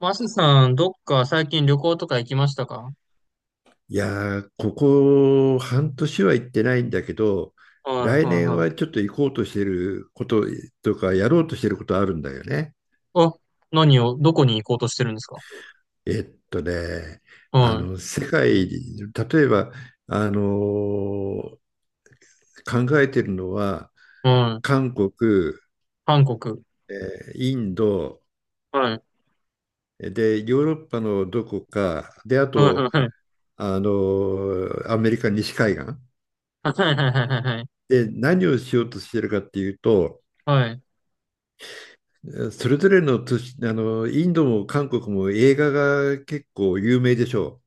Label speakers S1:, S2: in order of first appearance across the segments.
S1: マスさん、どっか最近旅行とか行きましたか？
S2: ここ半年は行ってないんだけど、
S1: はい
S2: 来
S1: は
S2: 年
S1: いは
S2: は
S1: い。
S2: ちょっと行こうとしてることとか、やろうとしてることあるんだよね。
S1: あ、何を、どこに行こうとしてるんですか？
S2: えっとね、
S1: は
S2: 世界、例えば、あのー考えてるのは、
S1: いはい。
S2: 韓国、
S1: 韓国。
S2: えインド、
S1: はい。
S2: で、ヨーロッパのどこか、で、あ
S1: はいはい
S2: と、
S1: はい。
S2: アメリカ西海岸。
S1: はいはいはいはい。
S2: で、何をしようとしてるかっていうと、
S1: はい。
S2: それぞれの都市、インドも韓国も映画が結構有名でしょ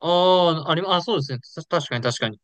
S1: ああ、ありま、あ、そうですね。た確かに確かに。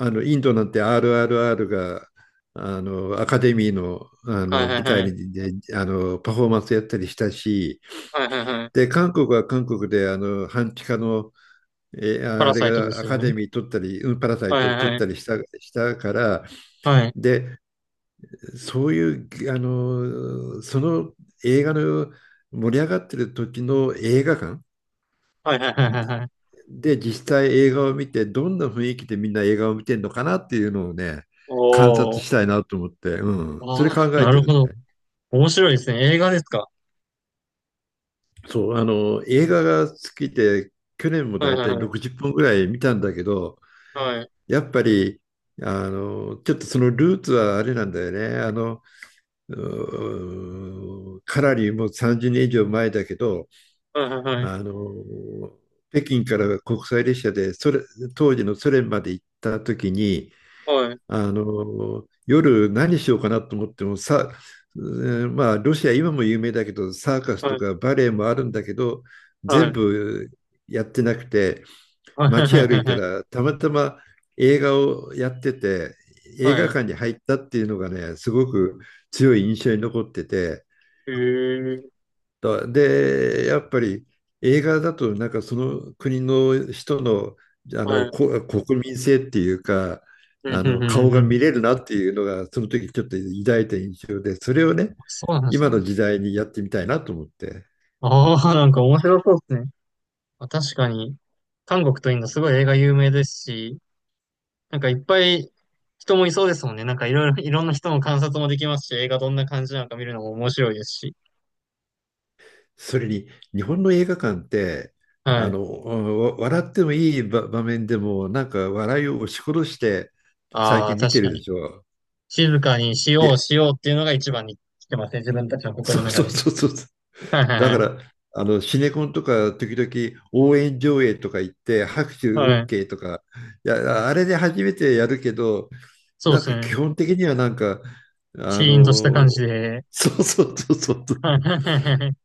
S2: う。インドなんて RRR が、アカデミーの、
S1: はいはい
S2: 舞
S1: は
S2: 台
S1: い。
S2: に、ね、パフォーマンスやったりしたし、
S1: はいはいはい。
S2: で、韓国は韓国で、半地下の、え
S1: パ
S2: あ
S1: ラ
S2: れ
S1: サイトで
S2: が
S1: す
S2: ア
S1: よ
S2: カデ
S1: ね。
S2: ミー取ったり、うん、パラサイ
S1: はい
S2: ト
S1: はい
S2: 取
S1: は
S2: っ
S1: い。
S2: たりした、したから、
S1: はい。
S2: で、そういう、映画の盛り上がってる時の映画館、
S1: はいはいはいはいはい。
S2: で、実際映画を見て、どんな雰囲気でみんな映画を見てるのかなっていうのをね、観
S1: お
S2: 察
S1: ー。
S2: したいなと思って、うん、そ
S1: あ
S2: れ考
S1: あ、
S2: え
S1: な
S2: て
S1: るほ
S2: るね。
S1: ど。面白いですね。映画ですか？
S2: そう、映画が好きで、去年も
S1: は
S2: だ
S1: い
S2: い
S1: は
S2: た
S1: い
S2: い
S1: はい。
S2: 60本ぐらい見たんだけど、
S1: はい。
S2: やっぱり、ちょっとそのルーツはあれなんだよね。かなりもう30年以上前だけど、
S1: はいはいはい。
S2: あの、北京から国際列車でそれ、当時のソ連まで行った時に、
S1: はい。
S2: あの夜何しようかなと思ってもさ、まあロシア今も有名だけどサーカス
S1: は
S2: と
S1: い。
S2: かバレエもあるんだけど、
S1: は
S2: 全
S1: い。
S2: 部やってなくて、
S1: はいはい
S2: 街歩
S1: はい
S2: いた
S1: はい。
S2: らたまたま映画をやってて、映
S1: は
S2: 画
S1: い。
S2: 館に入ったっていうのがねすごく強い印象に残ってて、
S1: へえ。
S2: で、やっぱり映画だとなんかその国の人の、あ
S1: は
S2: の
S1: い。
S2: こ国民性っていうか、
S1: う
S2: あ
S1: ん、うん、
S2: の顔
S1: うん、う
S2: が
S1: ん。
S2: 見れるなっていうのがその時ちょっと抱いた印象で、それをね
S1: そうなんです
S2: 今の
S1: ね。
S2: 時代にやってみたいなと思って、
S1: ああ、なんか面白そうですね。まあ確かに、韓国とインドすごい映画有名ですし、なんかいっぱい人もいそうですもんね。なんかいろいろ、いろんな人の観察もできますし、映画どんな感じなのか見るのも面白いですし。
S2: それに日本の映画館って、
S1: は
S2: あ
S1: い。
S2: のわ笑ってもいい場面でもなんか笑いを押し殺して最
S1: ああ、
S2: 近見
S1: 確
S2: て
S1: か
S2: るで
S1: に。
S2: しょ。
S1: 静かにし
S2: い
S1: よ
S2: や、
S1: うしようっていうのが一番に来てますね。自分たちの心の
S2: そう、
S1: 中
S2: そう
S1: で。
S2: そうそう。
S1: はいはい
S2: だか
S1: はい。
S2: ら、シネコンとか、時々応援上映とか行って、拍手
S1: はい。
S2: OK とか、いや、あれで初めてやるけど、
S1: そう
S2: な
S1: で
S2: ん
S1: す
S2: か
S1: ね。
S2: 基本的にはなんか、あ
S1: シーンとした感
S2: の、
S1: じで。
S2: そうそうそうそう。
S1: はいはいはいはい。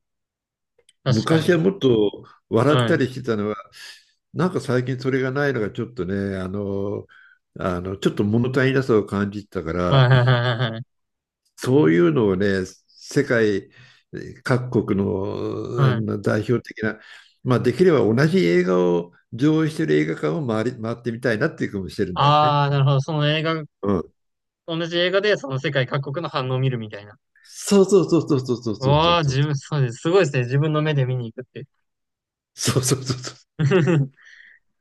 S1: 確か
S2: 昔は
S1: に。
S2: もっと笑っ
S1: は
S2: た
S1: い。
S2: りしてたのは、なんか最近それがないのがちょっとね、ちょっと物足りなさを感じてたか
S1: はい
S2: ら、
S1: はいはいはい。
S2: そういうのをね、世界各国の
S1: は
S2: あ
S1: い。
S2: の代表的な、まあ、できれば同じ映画を上映している映画館を回り、回ってみたいなっていう気もしてるんだよね。
S1: ああ、なるほど。その映画、
S2: うん。
S1: 同じ映画でその世界各国の反応を見るみたいな。
S2: そうそうそうそうそうそうそうそう
S1: わあ、
S2: そう。
S1: 自分、そうです。すごいですね。自分の目で見に行くって。
S2: そうそうそうそう。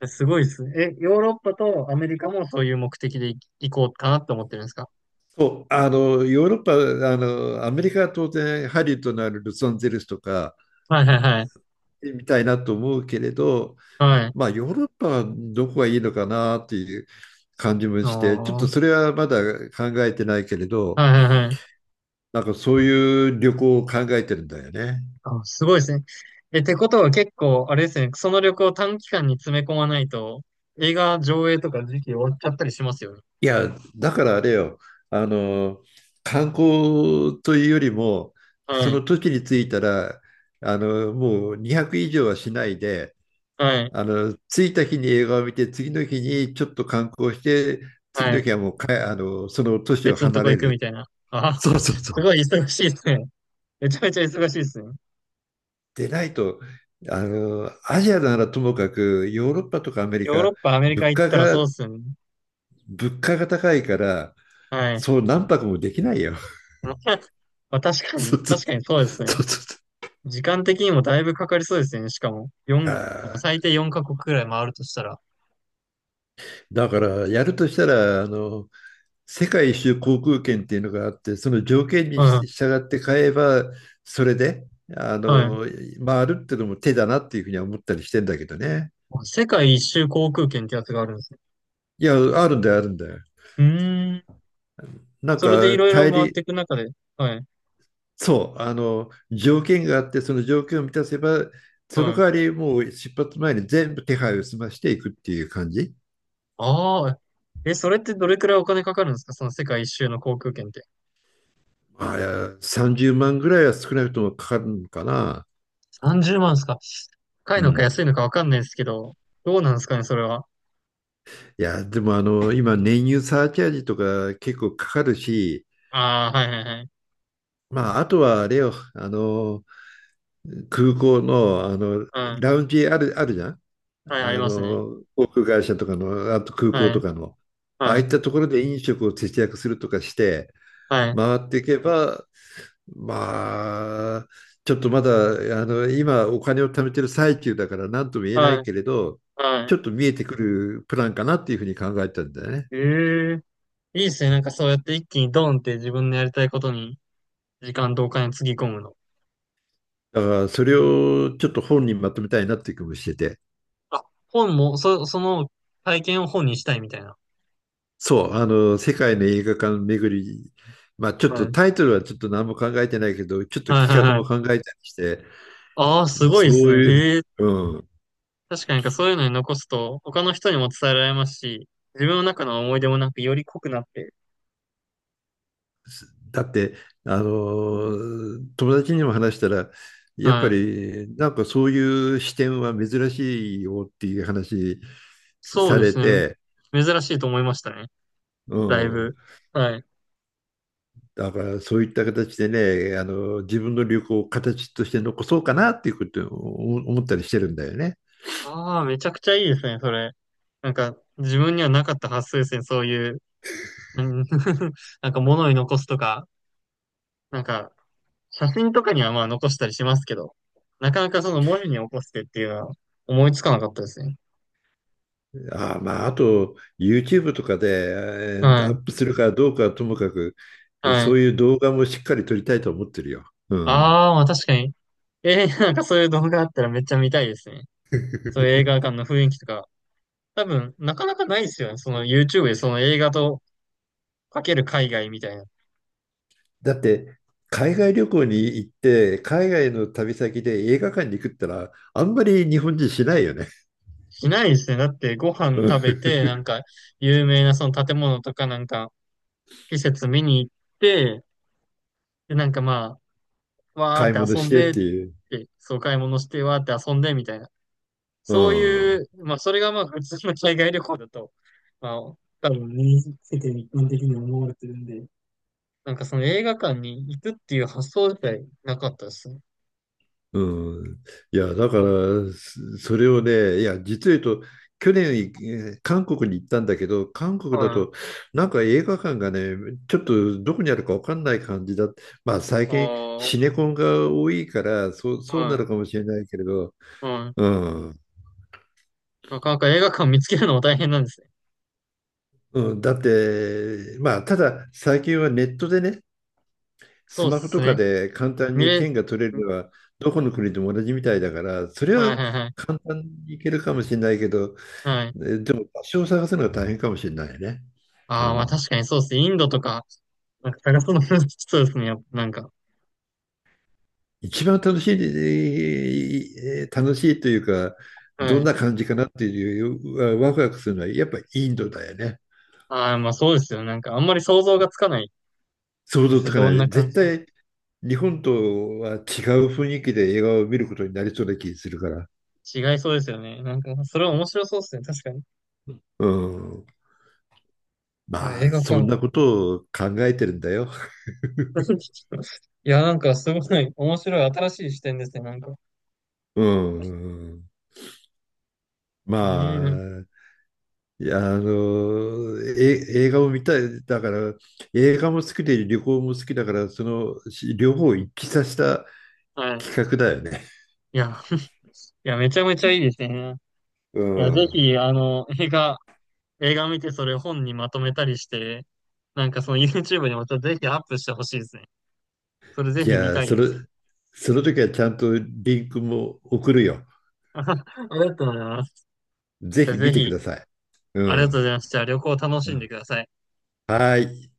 S1: すごいですね。え、ヨーロッパとアメリカもそういう目的で行行こうかなって思ってるんですか？
S2: そう、ヨーロッパ、アメリカは当然ハリウッドのあるロサンゼルスとか
S1: はいはいはい。
S2: みたいなと思うけれど、
S1: はい。
S2: まあヨーロッパはどこがいいのかなっていう感じも
S1: あ
S2: して、ちょっと
S1: ー。
S2: それはまだ考えてないけれど、
S1: はいはいはい。
S2: なんかそういう旅行を考えてるんだよね。
S1: あ、すごいですね。え、ってことは結構、あれですね。その旅行を短期間に詰め込まないと、映画上映とか時期終わっちゃったりしますよね。
S2: いや、だからあれよ、あの、観光というよりも、
S1: は
S2: そ
S1: い。
S2: の時に着いたら、もう200以上はしないで、
S1: はい。
S2: 着いた日に映画を見て、次の日にちょっと観光して、次
S1: は
S2: の
S1: い。
S2: 日はもうかえ、あの、その都市を
S1: 別のと
S2: 離
S1: こ
S2: れ
S1: 行くみ
S2: る。
S1: たいな。あ、
S2: そうそう
S1: す
S2: そう。
S1: ごい忙しいですね。めちゃめちゃ忙しいですね。
S2: でないと、アジアならともかく、ヨーロッパとかアメリ
S1: ヨーロ
S2: カ、
S1: ッパ、アメリ
S2: 物
S1: カ行っ
S2: 価
S1: たらそう
S2: が
S1: ですよね。
S2: 物価が高いから、
S1: はい。
S2: そう何泊もできないよ。
S1: まあ、まあ確か
S2: そ
S1: に、
S2: うそ
S1: 確
S2: う
S1: かにそうです
S2: そ
S1: ね。
S2: うそ
S1: 時間的にもだいぶかかりそうですよね。しかも、
S2: う。い
S1: 四
S2: や、
S1: 最低4カ国くらい回るとしたら。
S2: だからやるとしたら、あの、世界一周航空券っていうのがあって、その条件に
S1: は
S2: 従って買えば、それで、あ
S1: い、はい。
S2: の、回るっていうのも手だなっていうふうには思ったりしてんだけどね。
S1: 世界一周航空券ってやつがあるんですね。
S2: いや、あるんだよ、あるんだよ。
S1: うーん。
S2: なん
S1: それでい
S2: か
S1: ろいろ
S2: 大
S1: 回っ
S2: 陸、
S1: ていく中で。はい、
S2: そう、あの条件があって、その条件を満たせば、その
S1: は
S2: 代
S1: い。
S2: わりもう出発前に全部手配を済ましていくっていう感じ。
S1: ああ、え、それってどれくらいお金かかるんですかその世界一周の航空券って。
S2: あれ、30万ぐらいは少なくともかかるのかな。
S1: 30万ですか？高い
S2: う
S1: のか
S2: ん。
S1: 安いのかわかんないですけど、どうなんですかね、それは。
S2: いや、でも今、燃油サーチャージとか結構かかるし、
S1: ああ、はいはいはい。
S2: まあ、あとはあれよ、空港の、
S1: はい。
S2: ラウンジあるじゃん。
S1: はい、ありますね。
S2: 航空会社とかの、あと空港
S1: は
S2: と
S1: い、
S2: かの、ああ
S1: は
S2: い
S1: い、
S2: ったところで飲食を節約するとかして、
S1: はい、
S2: 回っていけば、まあ、ちょっとまだ、今お金を貯めてる最中だから何とも言えな
S1: は
S2: い
S1: い、
S2: けれど、
S1: は
S2: ちょっ
S1: い。
S2: と見えてくるプランかなっていうふうに考えたんだよね。
S1: ええ。いいですね。なんかそうやって一気にドンって自分のやりたいことに時間とお金つぎ込むの。
S2: だからそれをちょっと本にまとめたいなっていう気もしてて。
S1: あ、本も、そ、その体験を本にしたいみたいな。
S2: そう、世界の映画館巡り、まあちょっと
S1: はい。
S2: タイトルはちょっと何も考えてないけど、ちょっと
S1: はいは
S2: 企
S1: い
S2: 画
S1: は
S2: も考
S1: い。
S2: えたりして、
S1: ああ、すごい
S2: そ
S1: です
S2: う
S1: ね。
S2: いう、
S1: へえ。
S2: う、
S1: 確かになんかそういうのに残すと他の人にも伝えられますし、自分の中の思い出もなんかより濃くなって。
S2: だって、あの、友達にも話したら、やっぱ
S1: はい。
S2: りなんかそういう視点は珍しいよっていう話
S1: そう
S2: さ
S1: で
S2: れ
S1: すね。
S2: て、
S1: 珍しいと思いましたね。
S2: う
S1: だい
S2: ん。
S1: ぶ。はい。
S2: だからそういった形でね、自分の旅行を形として残そうかなっていうことを思ったりしてるんだよね。
S1: ああ、めちゃくちゃいいですね、それ。なんか、自分にはなかった発想ですね、そういう。うん。 なんか物に残すとか、なんか、写真とかにはまあ残したりしますけど、なかなかその文字に起こしてっていうのは思いつかなかったですね。
S2: ああ、まあ、あと YouTube とかで
S1: は
S2: ア
S1: い、
S2: ップするかどうかはともかく、
S1: は
S2: そ
S1: い。
S2: ういう動画もしっかり撮りたいと思ってるよ。うん。
S1: ああ、まあ確かに。えー、なんかそういう動画あったらめっちゃ見たいですね。そういう映画 館の雰囲気とか。多分、なかなかないですよね。その YouTube でその映画とかける海外みたいな。
S2: だって、海外旅行に行って、海外の旅先で映画館に行くったら、あんまり日本人しないよね。
S1: しないですね。だってご飯
S2: うん。
S1: 食べて、なんか有名なその建物とかなんか施設見に行って、で、なんかまあ、わー
S2: 買い
S1: っ
S2: 物
S1: て遊
S2: し
S1: ん
S2: てっ
S1: でっ
S2: ていう。
S1: て、そう買い物してわーって遊んでみたいな。
S2: う
S1: そうい
S2: ん。
S1: う、まあそれがまあ普通の海外旅行だと、まあ多分身につけて一般的に思われてるんで、なんかその映画館に行くっていう発想自体なかったですね。
S2: うん。いや、だから、れをね、いや、実を言うと、去年、韓国に行ったんだけど、韓国だ
S1: は
S2: と、
S1: い。
S2: なんか映画館がね、ちょっとどこにあるか分かんない感じだ。まあ、最
S1: あ
S2: 近、
S1: あ、は
S2: シネコンが多いから、そう、そうな
S1: い。
S2: るかもしれないけれど、
S1: はい。
S2: うん。
S1: なかなか映画館見つけるのも大変なんですね。
S2: うん、だって、まあ、ただ最近はネットでね、
S1: そ
S2: ス
S1: うっ
S2: マホ
S1: す
S2: とか
S1: ね。
S2: で簡単
S1: 見
S2: に
S1: れ、
S2: 券が取れるのは、どこの国でも同じみたいだから、それ
S1: はい
S2: は
S1: はいはい。
S2: 簡単にいけるかもしれないけど、
S1: はい。
S2: でも場所を探すのが大変かもしれないね。う
S1: ああ、まあ確
S2: ん、
S1: かにそうですね。インドとか、なんか探すの難し そうですね。やっぱなんか。
S2: 一番楽しい、楽しいというか、
S1: は
S2: どん
S1: い。
S2: な感じかなっていう、ワクワクするのは、やっぱインドだよね。
S1: ああ、まあそうですよ。なんかあんまり想像がつかない
S2: 想
S1: で
S2: 像
S1: す
S2: つ
S1: ね。
S2: か
S1: ど
S2: ない。
S1: んな感
S2: 絶
S1: じ。
S2: 対、日本とは違う雰囲気で映画を見ることになりそうな気がするから。
S1: 違いそうですよね。なんか、それは面白そうですね。確かに。い
S2: うん。
S1: や、
S2: ま
S1: 映
S2: あ、
S1: 画か。
S2: そんな ことを考えてるんだよ。
S1: いや、なんかすごい面白い新しい視点ですね。なんか。
S2: うん。
S1: ねえ
S2: ま
S1: ー、
S2: あ、いや、映画を見たい。だから、映画も好きで旅行も好きだから、そのし両方を一致させた
S1: はい。
S2: 企画だよね。
S1: いや、いや、めちゃめちゃいいですね。
S2: う
S1: いや、ぜ
S2: ん。
S1: ひ、あの、映画、映画見てそれ本にまとめたりして、なんかその YouTube にもちょっとぜひアップしてほしいですね。それぜ
S2: じ
S1: ひ見
S2: ゃあ、
S1: たい
S2: そ
S1: で
S2: れ、
S1: す。
S2: その時はちゃんとリンクも送るよ。
S1: ありがとうございます。
S2: ぜ
S1: じゃあ
S2: ひ見
S1: ぜ
S2: てく
S1: ひ、
S2: ださい。う
S1: ありがとうござ
S2: ん。
S1: います。じゃあ旅行楽
S2: う
S1: しんで
S2: ん、
S1: ください。
S2: はい。